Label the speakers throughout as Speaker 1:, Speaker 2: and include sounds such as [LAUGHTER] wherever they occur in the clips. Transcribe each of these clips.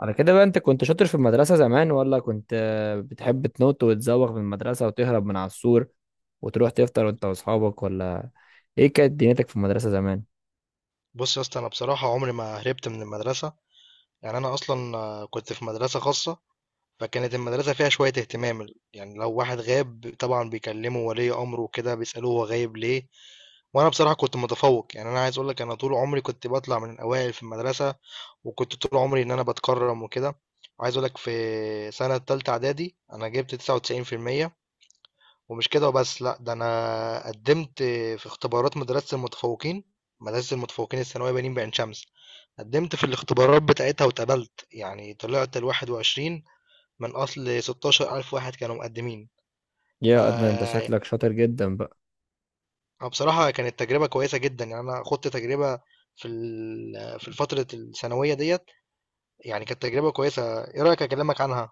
Speaker 1: على كده بقى انت كنت شاطر في المدرسة زمان، ولا كنت بتحب تنط وتزوغ من المدرسة وتهرب من على السور وتروح تفطر وانت واصحابك، ولا ايه كانت دنيتك في المدرسة زمان؟
Speaker 2: بص يا اسطى، انا بصراحه عمري ما هربت من المدرسه. يعني انا اصلا كنت في مدرسه خاصه. فكانت المدرسه فيها شويه اهتمام، يعني لو واحد غاب طبعا بيكلموا ولي امره وكده، بيسالوه هو غايب ليه. وانا بصراحه كنت متفوق، يعني انا عايز اقول لك انا طول عمري كنت بطلع من الاوائل في المدرسه، وكنت طول عمري ان انا بتكرم وكده. وعايز اقول لك في سنه تالتة اعدادي انا جبت 99%. ومش كده وبس، لا ده انا قدمت في اختبارات مدرسه المتفوقين، مدرسه المتفوقين الثانويه بنين بعين شمس. قدمت في الاختبارات بتاعتها واتقبلت، يعني طلعت ال21 من أصل 16 ألف واحد كانوا مقدمين.
Speaker 1: يا أدنى، انت
Speaker 2: يعني
Speaker 1: شكلك شاطر جدا بقى.
Speaker 2: بصراحة كانت تجربة كويسة جدا، يعني أنا خدت تجربة في فترة الثانوية ديت، يعني كانت تجربة كويسة. إيه رأيك أكلمك عنها؟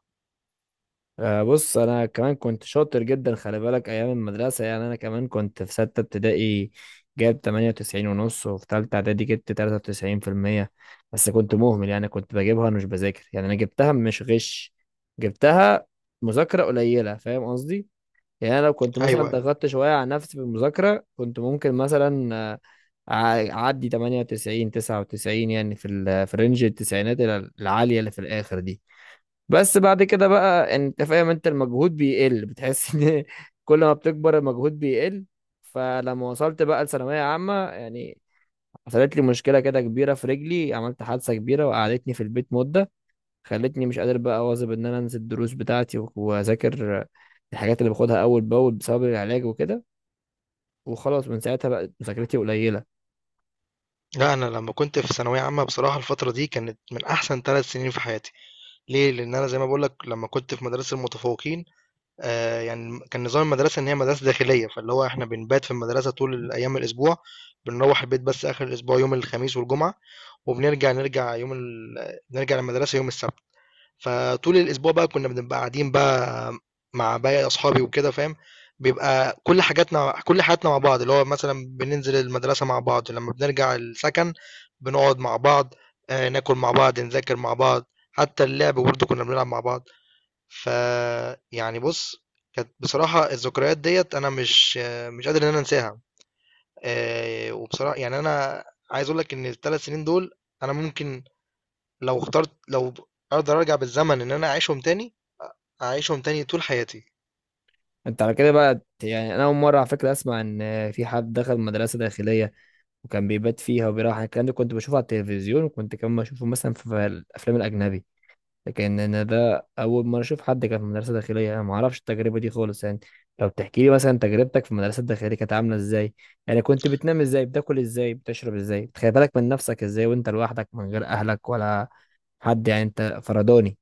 Speaker 1: آه، بص انا كمان كنت شاطر جدا، خلي بالك ايام المدرسة. يعني انا كمان كنت في ستة ابتدائي جاب 98 ونص، وفي تالتة اعدادي جبت 93%. بس كنت مهمل، يعني كنت بجيبها وانا مش بذاكر. يعني انا جبتها مش غش، جبتها مذاكرة قليلة، فاهم قصدي؟ يعني انا لو كنت مثلا
Speaker 2: أيوه، أيوه.
Speaker 1: ضغطت شويه على نفسي في المذاكره، كنت ممكن مثلا اعدي 98 99، يعني في في رينج التسعينات العاليه اللي في الاخر دي. بس بعد كده بقى انت فاهم، انت المجهود بيقل، بتحس [LAUGHS] ان كل ما بتكبر المجهود بيقل. فلما وصلت بقى لثانويه عامه، يعني حصلت لي مشكله كده كبيره في رجلي، عملت حادثه كبيره وقعدتني في البيت مده، خلتني مش قادر بقى اواظب ان انا انزل الدروس بتاعتي واذاكر الحاجات اللي باخدها اول باول بسبب العلاج وكده. وخلاص، من ساعتها بقت مذاكرتي قليله.
Speaker 2: لا، أنا لما كنت في ثانوية عامة بصراحة الفترة دي كانت من أحسن 3 سنين في حياتي. ليه؟ لأن أنا زي ما بقولك لما كنت في مدرسة المتفوقين، يعني كان نظام المدرسة إن هي مدرسة داخلية، فاللي هو إحنا بنبات في المدرسة طول أيام الأسبوع، بنروّح البيت بس آخر الأسبوع يوم الخميس والجمعة، وبنرجع نرجع يوم ال نرجع المدرسة يوم السبت. فطول الأسبوع بقى كنا بنبقى قاعدين بقى مع باقي أصحابي وكده فاهم، بيبقى كل حاجاتنا كل حياتنا مع بعض، اللي هو مثلًا بننزل المدرسة مع بعض، لمّا بنرجع السكن بنقعد مع بعض، ناكل مع بعض، نذاكر مع بعض، حتى اللعب برضه كنا بنلعب مع بعض. ف يعني بُص، كانت بصراحة الذكريات ديّة أنا مش قادر إن أنا أنساها. يعني أنا عايز أقول لك إن ال3 سنين دول أنا ممكن، لو أقدر أرجع بالزمن إن أنا أعيشهم تاني، هاعيشهم تاني طول حياتي.
Speaker 1: انت على كده بقى، يعني انا اول مره على فكره اسمع ان في حد دخل مدرسه داخليه وكان بيبات فيها وبيروح. الكلام ده كنت بشوفه على التلفزيون وكنت كمان بشوفه مثلا في الافلام الاجنبي، لكن انا ده اول مره اشوف حد كان في مدرسه داخليه. انا ما اعرفش التجربه دي خالص، يعني لو تحكي لي مثلا تجربتك في المدرسه الداخليه كانت عامله ازاي، يعني كنت بتنام ازاي، بتاكل ازاي، بتشرب ازاي، بتخلي بالك من نفسك ازاي وانت لوحدك من غير اهلك ولا حد، يعني انت فرداني؟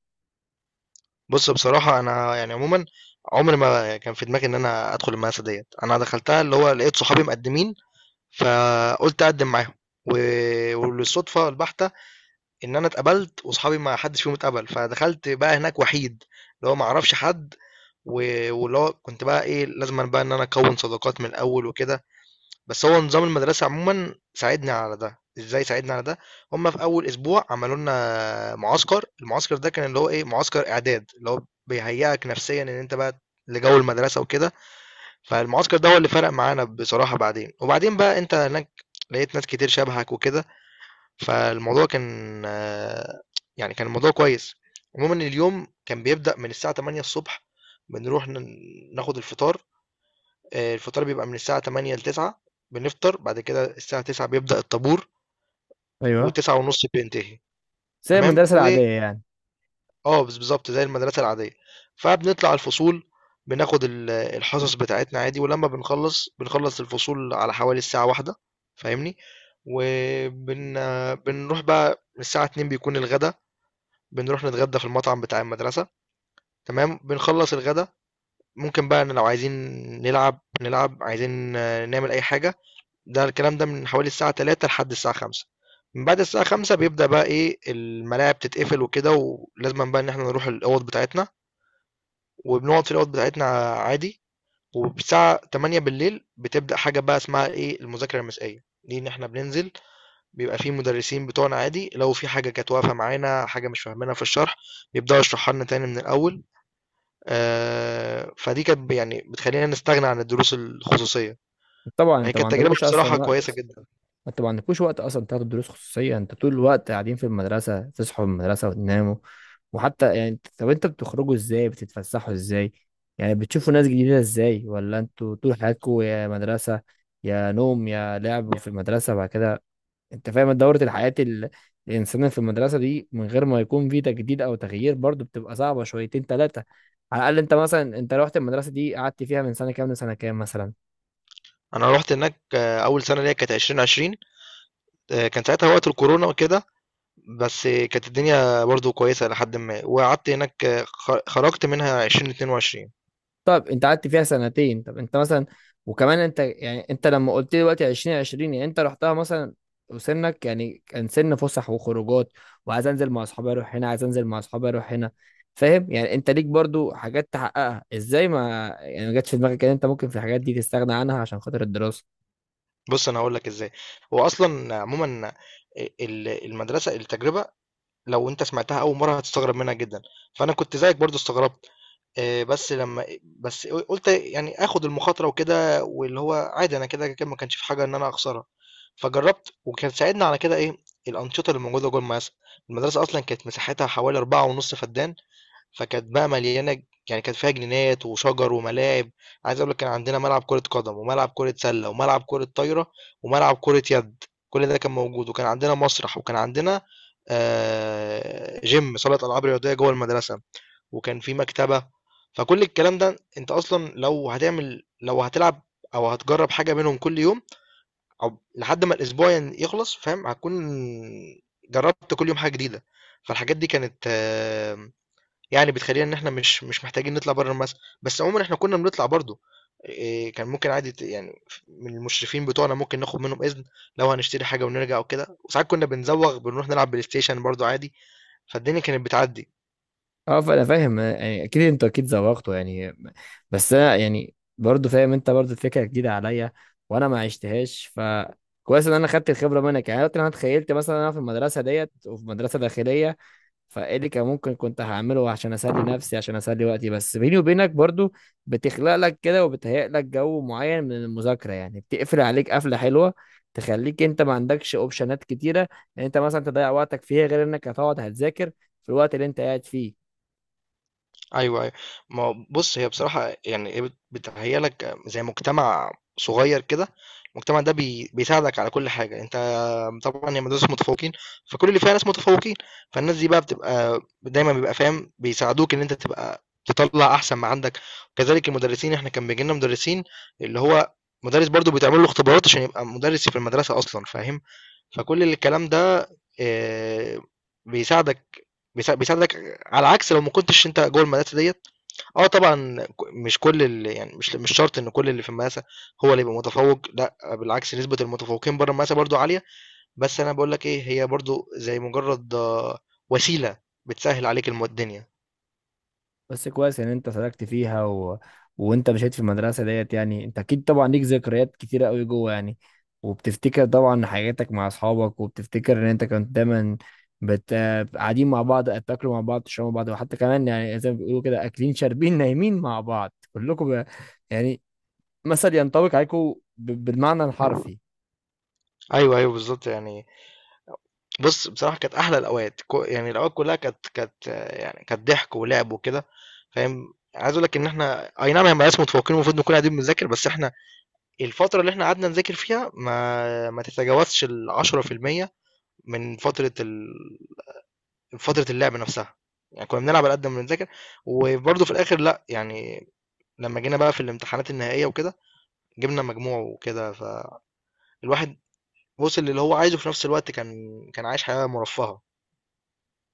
Speaker 2: بُص بصراحة أنا يعني عمومًا عمري ما كان في دماغي إن أنا أدخل المدرسة ديّة، أنا دخلتها اللي هو لقيت صحابي مقدمين، فقُلت أقدم معاهم. و وللصدفة البحتة إن أنا اتقبلت وصحابي ما حدش فيهم اتقبل، فدخلت بقى هناك وحيد، اللي هو ما اعرفش حد. و واللي هو كنت بقى إيه، لازمًا بقى إن أنا أكوّن صداقات من الأول وكده، بس هو نظام المدرسة عمومًا ساعدني على ده. إزاي ساعدني على ده؟ هم في أول أسبوع عملوا لنا معسكر، المعسكر ده كان اللي هو إيه، معسكر إعداد، اللي هو بيهيّئك نفسيًا إن أنت بقى لجو المدرسة وكده. فالمعسكر ده هو اللي فرق معانا بصراحة بعدين، وبعدين بقى أنت هناك لقيت ناس كتير شبهك وكده. فالموضوع كان آآ، يعني كان الموضوع كويس. عمومًا اليوم كان بيبدأ من الساعة 08:00، بنروح ناخد الفطار، الفطار بيبقى من الساعة 08:00 ل09:00، بنفطر. بعد كده الساعة 09:00 بيبدأ الطابور،
Speaker 1: ايوه.
Speaker 2: و09:30 بينتهي.
Speaker 1: زي
Speaker 2: تمام،
Speaker 1: المدرسه العاديه يعني؟
Speaker 2: بالضبط زي المدرسة العادية. فبنطلع الفصول، بناخد الحصص بتاعتنا عادي، ولمّا بنخلّص الفصول على حوالي الساعة 13:00 فاهمني، وبن بنروح بقى الساعة 14:00 بيكون الغدا. بنروح نتغدى في المطعم بتاع المدرسة، تمام بنخلص الغدا. ممكن بقى إن لو عايزين نلعب، عايزين نعمل أي حاجة، ده الكلام ده من حوالي الساعة 3 لحد الساعة 5. من بعد الساعة 5 بيبدأ بقى إيه الملاعب تتقفل وكده، ولازم بقى إن إحنا نروح الأوض بتاعتنا، وبنقعد في الأوض بتاعتنا عادي. والساعة 8 بالليل بتبدأ حاجة بقى اسمها إيه المذاكرة المسائية، دي إن إحنا بننزل بيبقى في مدرسين بتوعنا عادي، لو في حاجة كانت واقفة معانا حاجة مش فاهمينها في الشرح بيبدأوا يشرحوا لنا تاني من الأول. فدي كانت يعني بتخلّينا نستغنى عن الدروس الخصوصية.
Speaker 1: طبعا
Speaker 2: هي
Speaker 1: انت ما
Speaker 2: كانت تجربة
Speaker 1: عندكوش اصلا
Speaker 2: بصراحة كويسة
Speaker 1: وقت.
Speaker 2: جدًا.
Speaker 1: انت ما عندكوش وقت اصلا تاخدوا دروس خصوصيه، انت طول الوقت قاعدين في المدرسه، تصحوا من المدرسه وتناموا. وحتى يعني طب انت بتخرجوا ازاي، بتتفسحوا ازاي، يعني بتشوفوا ناس جديده ازاي، ولا انتوا طول حياتكم يا مدرسه يا نوم يا لعب في المدرسه بعد كده؟ انت فاهم دورة الحياه الانسان في المدرسه دي من غير ما يكون في تجديد او تغيير برضو بتبقى صعبه شويتين ثلاثه. على الاقل انت مثلا، انت رحت المدرسه دي قعدت فيها من سنه كام لسنه كام مثلا؟
Speaker 2: أنا رُحت هناك أول سنة ليّا كانت 2020، كان ساعتها وقت الكورونا وكده، بس كانت الدنيا برضه كويسة إلى حدٍ ما، وقعدت هناك خرجت منها 2022.
Speaker 1: طب انت قعدت فيها سنتين. طب انت مثلا، وكمان انت يعني، انت لما قلت لي دلوقتي 2020، يعني انت رحتها مثلا وسنك يعني كان سن فسح وخروجات، وعايز انزل مع اصحابي اروح هنا، عايز انزل مع اصحابي اروح هنا، فاهم؟ يعني انت ليك برضو حاجات تحققها ازاي؟ ما يعني ما جاتش في دماغك ان انت ممكن في الحاجات دي تستغنى عنها عشان خاطر الدراسة؟
Speaker 2: بُص أنا هاقول لك إزاي. هو أصلًا عمومًا أ ال المدرسة التجربة لو أنت سمعتها أول مرة هتستغرب منها جدًا، فأنا كنت زيك برضه استغربت. بس لما إيه، بس قلت يعني اخد المخاطره وكده، واللي هو عادي انا كده كده ما كانش في حاجه ان انا اخسرها. فجربت، وكان ساعدنا على كده ايه الانشطه اللي موجوده جوه المدرسه. المدرسه اصلا كانت مساحتها حوالي 4.5 فدان، فكانت بقى مليانه يعني كانت فيها جنينات وشجر وملاعب. عايز اقول لك كان عندنا ملعب كره قدم وملعب كره سله وملعب كره طايره وملعب كره يد، كل ده كان موجود، وكان عندنا مسرح، وكان عندنا جيم صاله العاب رياضيه جوه المدرسه، وكان في مكتبة. فكل الكلام ده انت اصلا لو هتلعب او هتجرب حاجة منهم كل يوم، او لحد ما الاسبوع يخلص فاهم، هتكون جربت كل يوم حاجة جديدة. فالحاجات دي كانت يعني بتخلينا ان احنا مش محتاجين نطلع بره المدرسة. بس عموما احنا كنا بنطلع برضو، إيه، كان ممكن عادي يعني من المشرفين بتوعنا ممكن ناخد منهم اذن لو هنشتري حاجة ونرجع وكده. وساعات كنا بنزوغ بنروح نلعب بلاي ستيشن برضو عادي. فالدنيا كانت بتعدي.
Speaker 1: اه، فانا فاهم. يعني اكيد انت اكيد زوغته يعني. بس انا يعني برضه فاهم، انت برضه الفكره جديده عليا وانا ما عشتهاش، فكويس ان انا خدت الخبره منك. يعني دلوقتي انا اتخيلت مثلا انا في المدرسه ديت وفي مدرسه داخليه، فايه اللي كان ممكن كنت هعمله عشان اسلي نفسي، عشان اسلي وقتي؟ بس بيني وبينك برضه بتخلق لك كده وبتهيئ لك جو معين من المذاكره، يعني بتقفل عليك قفله حلوه تخليك انت ما عندكش اوبشنات كتيره ان انت مثلا تضيع وقتك فيها، غير انك هتقعد هتذاكر في الوقت اللي انت قاعد فيه.
Speaker 2: أيوه، أيوه. ما هو بُص، هي بصراحة يعني هي بتهيّأ لك زي مجتمع صغير كده. المجتمع ده بيساعدك على كل حاجة. أنت طبعًا هي مدرسة متفوّقين، فكل اللي فيها ناس متفوّقين، فالناس دي بقى بتبقى دايمًا بيبقى فاهم، بيساعدوك إن أنت تبقى تطلّع أحسن ما عندك، وكذلك المدرسين. إحنا كان بييجي لنا مدرسين اللي هو مدرس برضه بيتعمل له اختبارات عشان يبقى مدرس في المدرسة أصلًا فاهم. فكل الكلام ده آآ، بيساعدك، بيساعدك على عكس لو ما كنتش أنت جوّه المدرسة ديّة. آه طبعًا، مش كل ال يعني مش شرط إن كل اللي في المقاسة هو اللي يبقى متفوّق. لأ بالعكس، نسبة المتفوّقين برّه المقاسة برضه عالية. بس أنا باقول لك إيه، هي برضه زي مجرّد وسيلة بتسهّل عليك الدنيا.
Speaker 1: بس كويس ان انت سلكت فيها وانت مشيت في المدرسه ديت، يعني انت اكيد طبعا ليك ذكريات كتيره قوي جوه يعني، وبتفتكر طبعا حاجاتك مع اصحابك، وبتفتكر ان انت كنت دايما بت... قاعدين مع بعض، بتاكلوا مع بعض، تشربوا مع بعض، وحتى كمان يعني زي ما بيقولوا كده اكلين شاربين نايمين مع بعض كلكم، يعني مثل ينطبق عليكم بالمعنى الحرفي.
Speaker 2: أيوه، أيوه بالضبط. يعني بُص بصراحة كانت أحلى الأوقات، يعني الأوقات كلّها كانت يعني كانت ضحك ولعب وكده فاهم. عايز أقول لك إن إحنا أي نعم هي مقاس متفوّقين المفروض نكون قاعدين بنذاكر، بس إحنا الفترة اللي إحنا قعدنا نذاكر فيها ما تتجاوزش ال10% من فترة اللعب نفسها. يعني كنا بنلعب على قد ما بنذاكر، وبرضه في الآخر لأ يعني لما جينا بقى في الامتحانات النهائية وكده جبنا مجموع وكده. فالواحد وصل للي هو عايزه، في نفس الوقت كان عايش حياة مرفهة.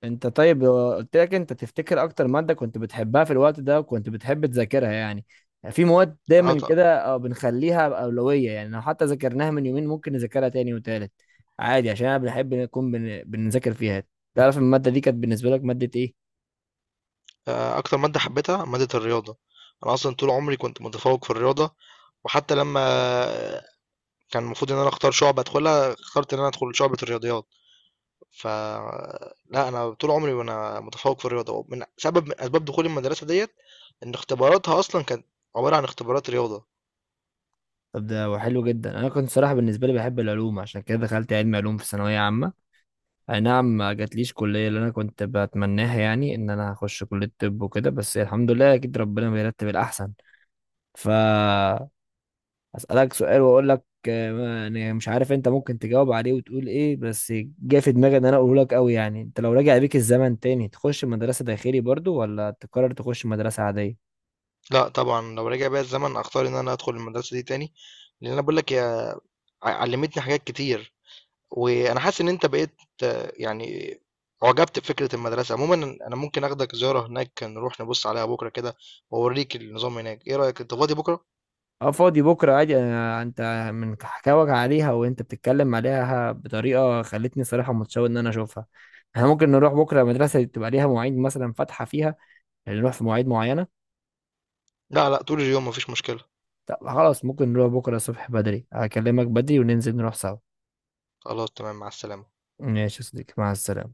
Speaker 1: انت طيب لو قلت لك، انت تفتكر اكتر مادة كنت بتحبها في الوقت ده وكنت بتحب تذاكرها؟ يعني في مواد
Speaker 2: اه
Speaker 1: دايما
Speaker 2: ط-
Speaker 1: كده بنخليها أولوية. يعني لو حتى ذاكرناها من يومين ممكن نذاكرها تاني وتالت عادي، عشان انا بنحب نكون بنذاكر فيها. تعرف المادة دي كانت بالنسبة لك مادة ايه؟
Speaker 2: أكتر مادة حبيتها مادة الرياضة. أنا أصلا طول عمري كنت متفوق في الرياضة، وحتى لما كان المفروض إن أنا أختار شعبة أدخلها، اخترت إن أنا أدخل شعبة الرياضيات. ف لأ أنا طول عمري وأنا متفوّق في الرياضة، ومن سبب من أسباب دخولي المدرسة ديّة إن اختباراتها أصلًا كانت عبارة عن اختبارات رياضة.
Speaker 1: طب ده حلو جدا. انا كنت صراحة بالنسبة لي بحب العلوم، عشان كده دخلت علم علوم في ثانوية عامة. اي نعم، ما جاتليش كلية اللي انا كنت بتمناها، يعني ان انا هخش كلية طب وكده، بس الحمد لله، اكيد ربنا بيرتب الاحسن. ف اسالك سؤال واقول لك، يعني مش عارف انت ممكن تجاوب عليه وتقول ايه، بس جه في دماغي ان انا اقوله لك قوي. يعني انت لو رجع بيك الزمن تاني، تخش مدرسة داخلي برضو، ولا تقرر تخش مدرسة عادية؟
Speaker 2: لأ طبعًا لو رجع بيّا الزمن أختار إن أنا أدخل المدرسة دي تاني، لإن أنا باقول لك هي علّمتني حاجات كتير. وأنا حاسس إن أنت بقيت يعني أُعجبت بفكرة المدرسة. عمومًا أنا ممكن آخدك زيارة هناك، نروح نبُص عليها بُكرة كده، وأورّيك النظام هناك. إيه رأيك أنت فاضي بُكرة؟
Speaker 1: اه، فاضي بكرة عادي أنا. انت من حكاوك عليها وانت بتتكلم عليها بطريقة خلتني صراحة متشوق ان انا اشوفها. احنا ممكن نروح بكرة، مدرسة تبقى ليها مواعيد مثلا فاتحة فيها؟ يعني نروح في مواعيد معينة؟
Speaker 2: لأ، لأ طول اليوم ما فيش مشكلة.
Speaker 1: طب خلاص، ممكن نروح بكرة الصبح بدري، هكلمك بدري وننزل نروح سوا.
Speaker 2: خلاص تمام، مع السلامة.
Speaker 1: ماشي يا صديقي، مع السلامة.